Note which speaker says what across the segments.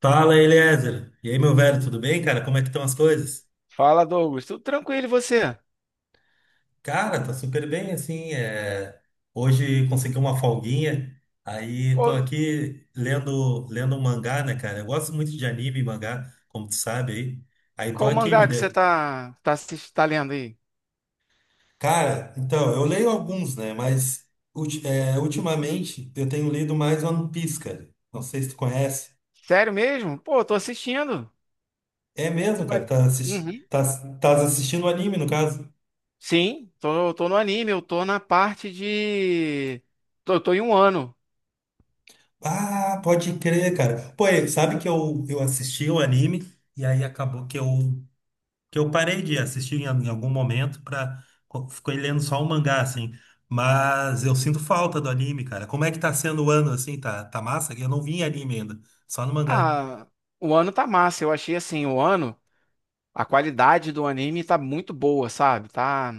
Speaker 1: Fala, Eliezer. E aí, meu velho, tudo bem, cara? Como é que estão as coisas?
Speaker 2: Fala, Douglas. Tudo tranquilo e você?
Speaker 1: Cara, tá super bem, assim. Hoje consegui uma folguinha, aí tô
Speaker 2: Pô,
Speaker 1: aqui lendo um mangá, né, cara? Eu gosto muito de anime e mangá, como tu sabe aí. Aí tô
Speaker 2: qual
Speaker 1: aqui, me
Speaker 2: mangá que você
Speaker 1: dê.
Speaker 2: tá lendo aí?
Speaker 1: Cara, então, eu leio alguns, né, mas ultimamente eu tenho lido mais One Piece, cara. Não sei se tu conhece.
Speaker 2: Sério mesmo? Pô, tô assistindo.
Speaker 1: É
Speaker 2: Que
Speaker 1: mesmo, cara,
Speaker 2: mane-
Speaker 1: tá, assisti-
Speaker 2: Uhum.
Speaker 1: tá, tá assistindo anime, no caso.
Speaker 2: Sim, tô no anime, eu tô na parte de. Tô em um ano.
Speaker 1: Ah, pode crer, cara. Pô, e sabe que eu assisti o anime e aí acabou que eu parei de assistir em algum momento Fiquei lendo só o mangá, assim. Mas eu sinto falta do anime, cara. Como é que tá sendo o ano, assim? Tá massa? Eu não vi em anime ainda, só no mangá.
Speaker 2: Ah, o ano tá massa. Eu achei assim, o ano, a qualidade do anime tá muito boa, sabe? Tá,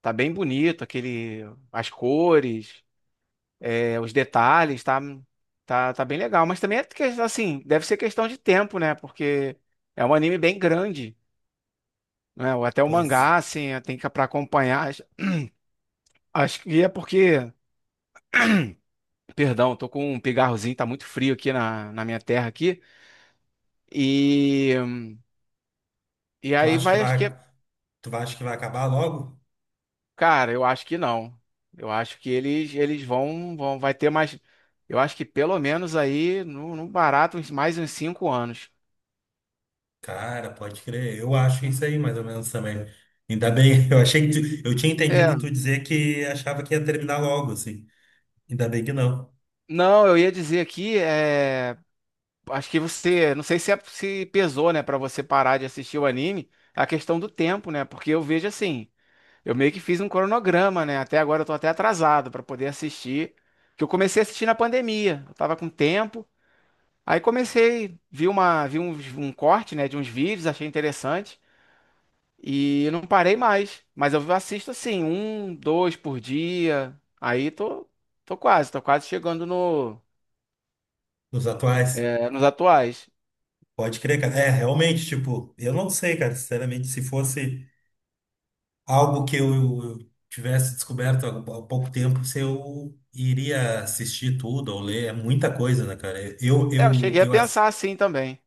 Speaker 2: tá bem bonito, aquele, as cores. É, os detalhes, tá bem legal. Mas também é que, assim, deve ser questão de tempo, né? Porque é um anime bem grande, né? Ou até o
Speaker 1: Pois
Speaker 2: mangá, assim, tem que para acompanhar. Acho que é porque, perdão, tô com um pigarrozinho, tá muito frio aqui na minha terra aqui. E e
Speaker 1: tu
Speaker 2: aí
Speaker 1: acha que
Speaker 2: vai, acho
Speaker 1: vai,
Speaker 2: que,
Speaker 1: tu acha que vai acabar logo?
Speaker 2: cara, eu acho que não. Eu acho que eles vão vão vai ter mais, eu acho que pelo menos aí, no barato, mais uns 5 anos.
Speaker 1: Cara, pode crer. Eu acho isso aí, mais ou menos também. Ainda bem, eu achei que eu tinha
Speaker 2: É,
Speaker 1: entendido tu dizer que achava que ia terminar logo, assim. Ainda bem que não.
Speaker 2: não, eu ia dizer aqui, acho que você, não sei se, se pesou, né, pra você parar de assistir o anime, a questão do tempo, né? Porque eu vejo assim, eu meio que fiz um cronograma, né? Até agora eu tô até atrasado pra poder assistir, que eu comecei a assistir na pandemia. Eu tava com tempo, aí comecei, vi uma, vi uns- um, corte, né, de uns vídeos, achei interessante e não parei mais. Mas eu assisto assim, um, dois por dia. Aí tô quase chegando no,
Speaker 1: Dos atuais?
Speaker 2: nos atuais.
Speaker 1: Pode crer, cara. É, realmente, tipo, eu não sei, cara, sinceramente, se fosse algo que eu tivesse descoberto há pouco tempo, se eu iria assistir tudo ou ler, é muita coisa, né, cara?
Speaker 2: É, eu cheguei a pensar assim também.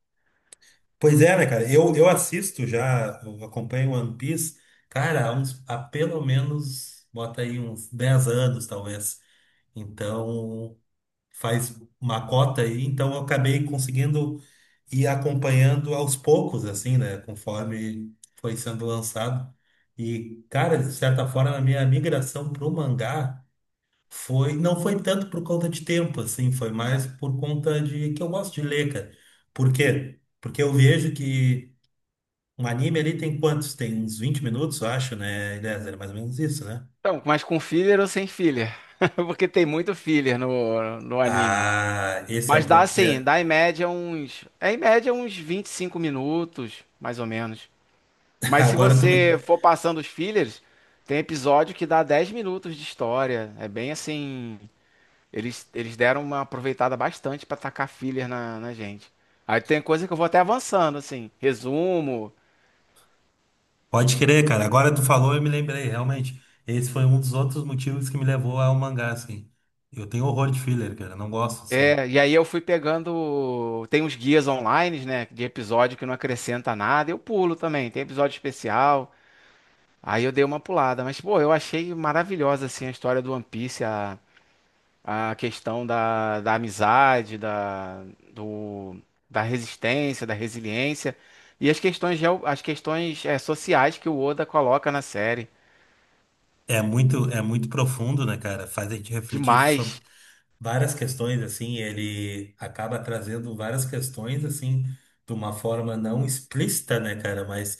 Speaker 1: Pois é, né, cara? Eu assisto já, eu acompanho One Piece, cara, há pelo menos, bota aí uns 10 anos, talvez. Então. Faz uma cota aí, então eu acabei conseguindo ir acompanhando aos poucos, assim, né? Conforme foi sendo lançado. E, cara, de certa forma, a minha migração pro mangá não foi tanto por conta de tempo, assim, foi mais por conta de que eu gosto de ler, cara. Por quê? Porque eu vejo que um anime ali tem quantos? Tem uns 20 minutos, eu acho, né? Eliezer? É mais ou menos isso, né?
Speaker 2: Então, mas com filler ou sem filler? Porque tem muito filler no anime.
Speaker 1: Ah, esse é
Speaker 2: Mas
Speaker 1: o
Speaker 2: dá assim,
Speaker 1: próprio.
Speaker 2: dá em média uns. É em média uns 25 minutos, mais ou menos. Mas se
Speaker 1: Agora tu me
Speaker 2: você for passando os fillers, tem episódio que dá 10 minutos de história. É bem assim. Eles deram uma aproveitada bastante pra tacar filler na gente. Aí tem coisa que eu vou até avançando, assim. Resumo.
Speaker 1: Pode crer, cara. Agora tu falou, eu me lembrei, realmente. Esse foi um dos outros motivos que me levou ao mangá, assim. Eu tenho horror de filler, cara. Não gosto, assim.
Speaker 2: É, e aí eu fui pegando. Tem uns guias online, né? De episódio que não acrescenta nada. Eu pulo também, tem episódio especial. Aí eu dei uma pulada. Mas, pô, eu achei maravilhosa, assim, a história do One Piece, a questão da amizade, do, da resistência, da resiliência. E as questões, sociais que o Oda coloca na série.
Speaker 1: É muito profundo, né, cara? Faz a gente refletir sobre
Speaker 2: Demais.
Speaker 1: várias questões, assim. Ele acaba trazendo várias questões, assim, de uma forma não explícita, né, cara? Mas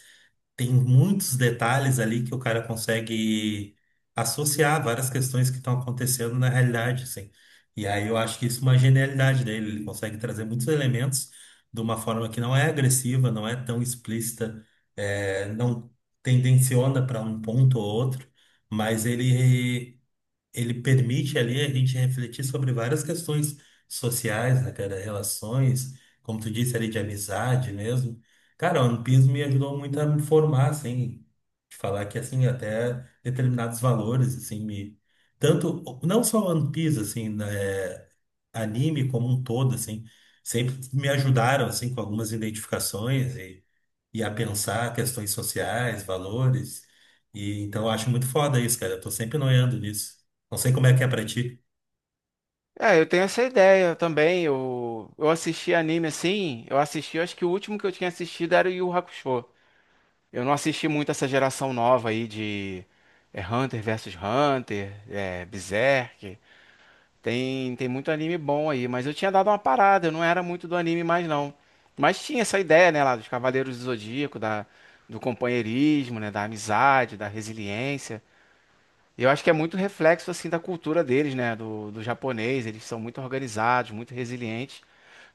Speaker 1: tem muitos detalhes ali que o cara consegue associar várias questões que estão acontecendo na realidade, assim. E aí eu acho que isso é uma genialidade dele, ele consegue trazer muitos elementos de uma forma que não é agressiva, não é tão explícita, não tendenciona para um ponto ou outro, mas ele permite ali a gente refletir sobre várias questões sociais, né, cara? Relações, como tu disse ali, de amizade mesmo. Cara, o One Piece me ajudou muito a me formar, assim, de falar que, assim, até determinados valores, assim, me... Tanto, não só One Piece, assim, né, anime como um todo, assim, sempre me ajudaram, assim, com algumas identificações e a pensar questões sociais, valores. E então eu acho muito foda isso, cara. Eu tô sempre noiando nisso. Não sei como é que é pra ti.
Speaker 2: É, eu tenho essa ideia também. Eu assisti anime assim, eu assisti, eu acho que o último que eu tinha assistido era o Yu Hakusho. Eu não assisti muito essa geração nova aí de Hunter versus Hunter, Berserk. Tem muito anime bom aí, mas eu tinha dado uma parada, eu não era muito do anime mais não. Mas tinha essa ideia, né, lá dos Cavaleiros do Zodíaco, do companheirismo, né, da amizade, da resiliência. Eu acho que é muito reflexo assim da cultura deles, né? Do japonês, eles são muito organizados, muito resilientes.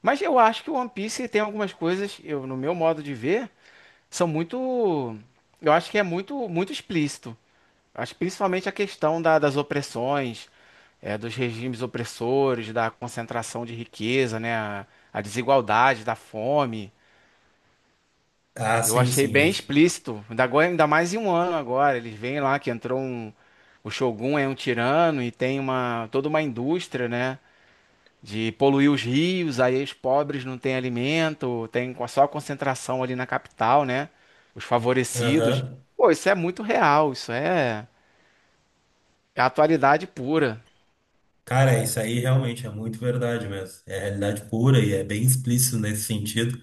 Speaker 2: Mas eu acho que o One Piece tem algumas coisas, eu, no meu modo de ver, são muito. Eu acho que é muito, muito explícito. Acho que principalmente a questão das opressões, dos regimes opressores, da concentração de riqueza, né? A desigualdade, da fome.
Speaker 1: Ah,
Speaker 2: Eu
Speaker 1: sim,
Speaker 2: achei
Speaker 1: sim,
Speaker 2: bem
Speaker 1: esse.
Speaker 2: explícito. Ainda agora, ainda mais em um ano agora. Eles veem lá que entrou um. O Shogun é um tirano e tem uma toda uma indústria, né? De poluir os rios, aí os pobres não têm alimento, tem só concentração ali na capital, né? Os favorecidos.
Speaker 1: Aham.
Speaker 2: Pô, isso é muito real, isso é atualidade pura.
Speaker 1: Cara, isso aí realmente é muito verdade mesmo. É realidade pura e é bem explícito nesse sentido.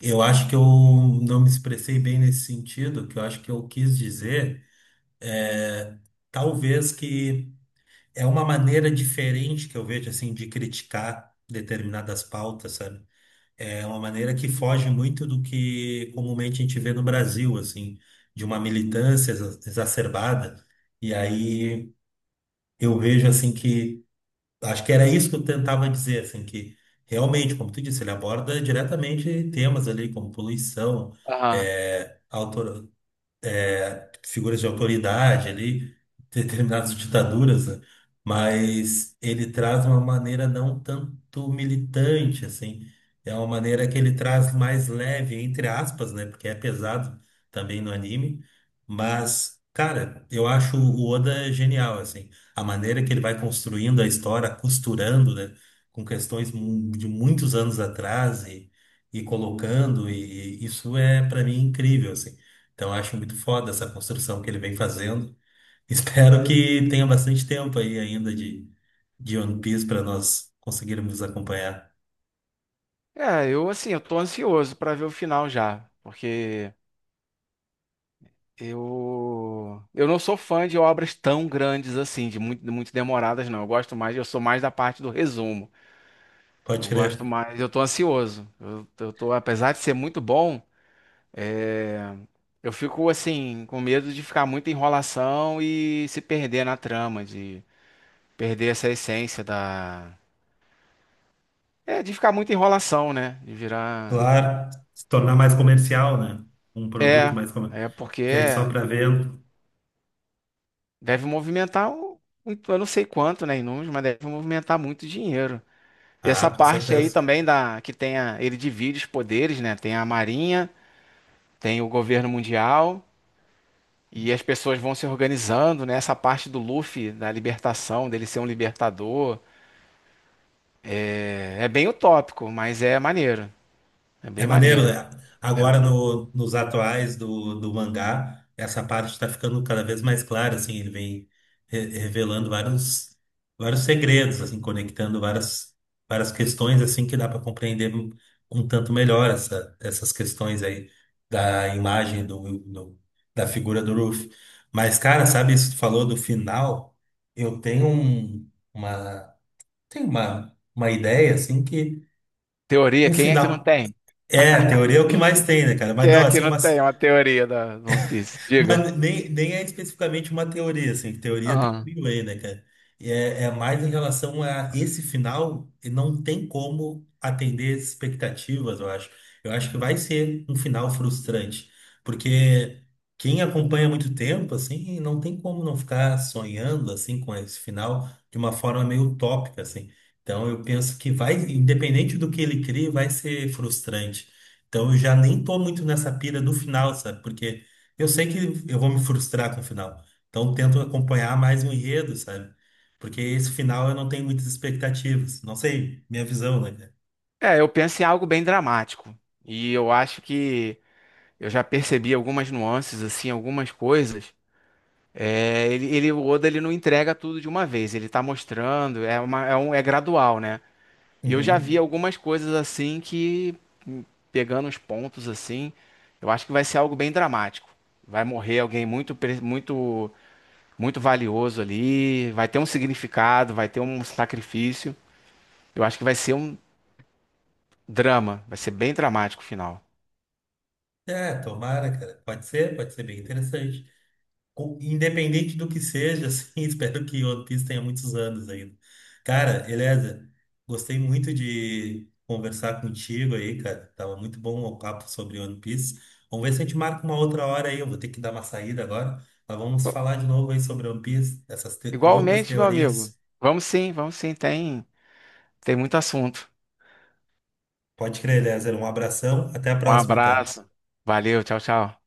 Speaker 1: Eu acho que eu não me expressei bem nesse sentido. O que eu acho que eu quis dizer é, talvez que é uma maneira diferente que eu vejo assim de criticar determinadas pautas, sabe? É uma maneira que foge muito do que comumente a gente vê no Brasil, assim, de uma militância exacerbada. E aí eu vejo, assim, que acho que era isso que eu tentava dizer, assim, que realmente, como tu disse, ele aborda diretamente temas ali como poluição,
Speaker 2: Aham.
Speaker 1: é, figuras de autoridade ali, determinadas ditaduras, né? Mas ele traz uma maneira não tanto militante, assim. É uma maneira que ele traz mais leve, entre aspas, né? Porque é pesado também no anime. Mas, cara, eu acho o Oda genial, assim. A maneira que ele vai construindo a história, costurando, né? Com questões de muitos anos atrás e, e colocando, e isso é, para mim, incrível, assim. Então, eu acho muito foda essa construção que ele vem fazendo. Espero que tenha bastante tempo aí ainda de One Piece para nós conseguirmos acompanhar.
Speaker 2: É, eu assim, eu tô ansioso pra ver o final já, porque eu não sou fã de obras tão grandes assim, de muito, muito demoradas, não. Eu gosto mais, eu sou mais da parte do resumo.
Speaker 1: Pode
Speaker 2: Eu gosto
Speaker 1: crer.
Speaker 2: mais, eu tô ansioso. Eu tô, apesar de ser muito bom, é, eu fico assim, com medo de ficar muita enrolação e se perder na trama, de perder essa essência da. É, de ficar muita enrolação, né? De virar.
Speaker 1: Claro, se tornar mais comercial, né? Um produto
Speaker 2: É,
Speaker 1: mais comercial,
Speaker 2: é porque
Speaker 1: que é só para venda.
Speaker 2: deve movimentar, eu não sei quanto, né, em números, mas deve movimentar muito dinheiro. E
Speaker 1: Ah,
Speaker 2: essa
Speaker 1: com
Speaker 2: parte aí
Speaker 1: certeza.
Speaker 2: também da que tem a, ele divide os poderes, né? Tem a Marinha, tem o governo mundial e as pessoas vão se organizando, né? Essa parte do Luffy, da libertação, dele ser um libertador, é bem utópico, mas é maneiro. É
Speaker 1: É
Speaker 2: bem
Speaker 1: maneiro,
Speaker 2: maneiro.
Speaker 1: né?
Speaker 2: É.
Speaker 1: Agora nos atuais do mangá, essa parte está ficando cada vez mais clara, assim, ele vem revelando vários segredos, assim, conectando várias questões, assim, que dá para compreender um tanto melhor essas questões aí da imagem da figura do Ruffy. Mas, cara, sabe, isso que tu falou do final, eu tenho uma ideia, assim, que
Speaker 2: Teoria,
Speaker 1: o
Speaker 2: quem é que não
Speaker 1: final
Speaker 2: tem?
Speaker 1: é, teoria é o que mais tem, né, cara? Mas
Speaker 2: Quem
Speaker 1: não,
Speaker 2: é que
Speaker 1: assim,
Speaker 2: não
Speaker 1: umas
Speaker 2: tem uma teoria da do One Piece? Diga.
Speaker 1: mas nem, nem é especificamente uma teoria, assim, que teoria tem
Speaker 2: Ah.
Speaker 1: mil aí, né, cara? É mais em relação a esse final, e não tem como atender expectativas, eu acho. Eu acho que vai ser um final frustrante, porque quem acompanha há muito tempo, assim, não tem como não ficar sonhando, assim, com esse final de uma forma meio utópica, assim. Então, eu penso que vai, independente do que ele crie, vai ser frustrante. Então, eu já nem tô muito nessa pira do final, sabe? Porque eu sei que eu vou me frustrar com o final. Então eu tento acompanhar mais o enredo, sabe? Porque esse final eu não tenho muitas expectativas. Não sei, minha visão, né, cara?
Speaker 2: É, eu penso em algo bem dramático. E eu acho que eu já percebi algumas nuances, assim, algumas coisas. É, o Oda ele não entrega tudo de uma vez, ele tá mostrando, é gradual, né? E eu já vi
Speaker 1: Uhum.
Speaker 2: algumas coisas assim que, hum, pegando os pontos assim, eu acho que vai ser algo bem dramático. Vai morrer alguém muito, muito, muito valioso ali, vai ter um significado, vai ter um sacrifício. Eu acho que vai ser um drama, vai ser bem dramático o final.
Speaker 1: É, tomara, cara. Pode ser bem interessante. Independente do que seja, assim, espero que One Piece tenha muitos anos ainda. Cara, Eliezer, gostei muito de conversar contigo aí, cara. Tava muito bom o papo sobre One Piece. Vamos ver se a gente marca uma outra hora aí. Eu vou ter que dar uma saída agora. Mas vamos
Speaker 2: Pô,
Speaker 1: falar de novo aí sobre One Piece, essas loucas
Speaker 2: igualmente, meu amigo.
Speaker 1: teorias.
Speaker 2: Vamos sim, tem muito assunto.
Speaker 1: Pode crer, Eliezer. Um abração. Até a
Speaker 2: Um
Speaker 1: próxima, então.
Speaker 2: abraço, valeu, tchau, tchau.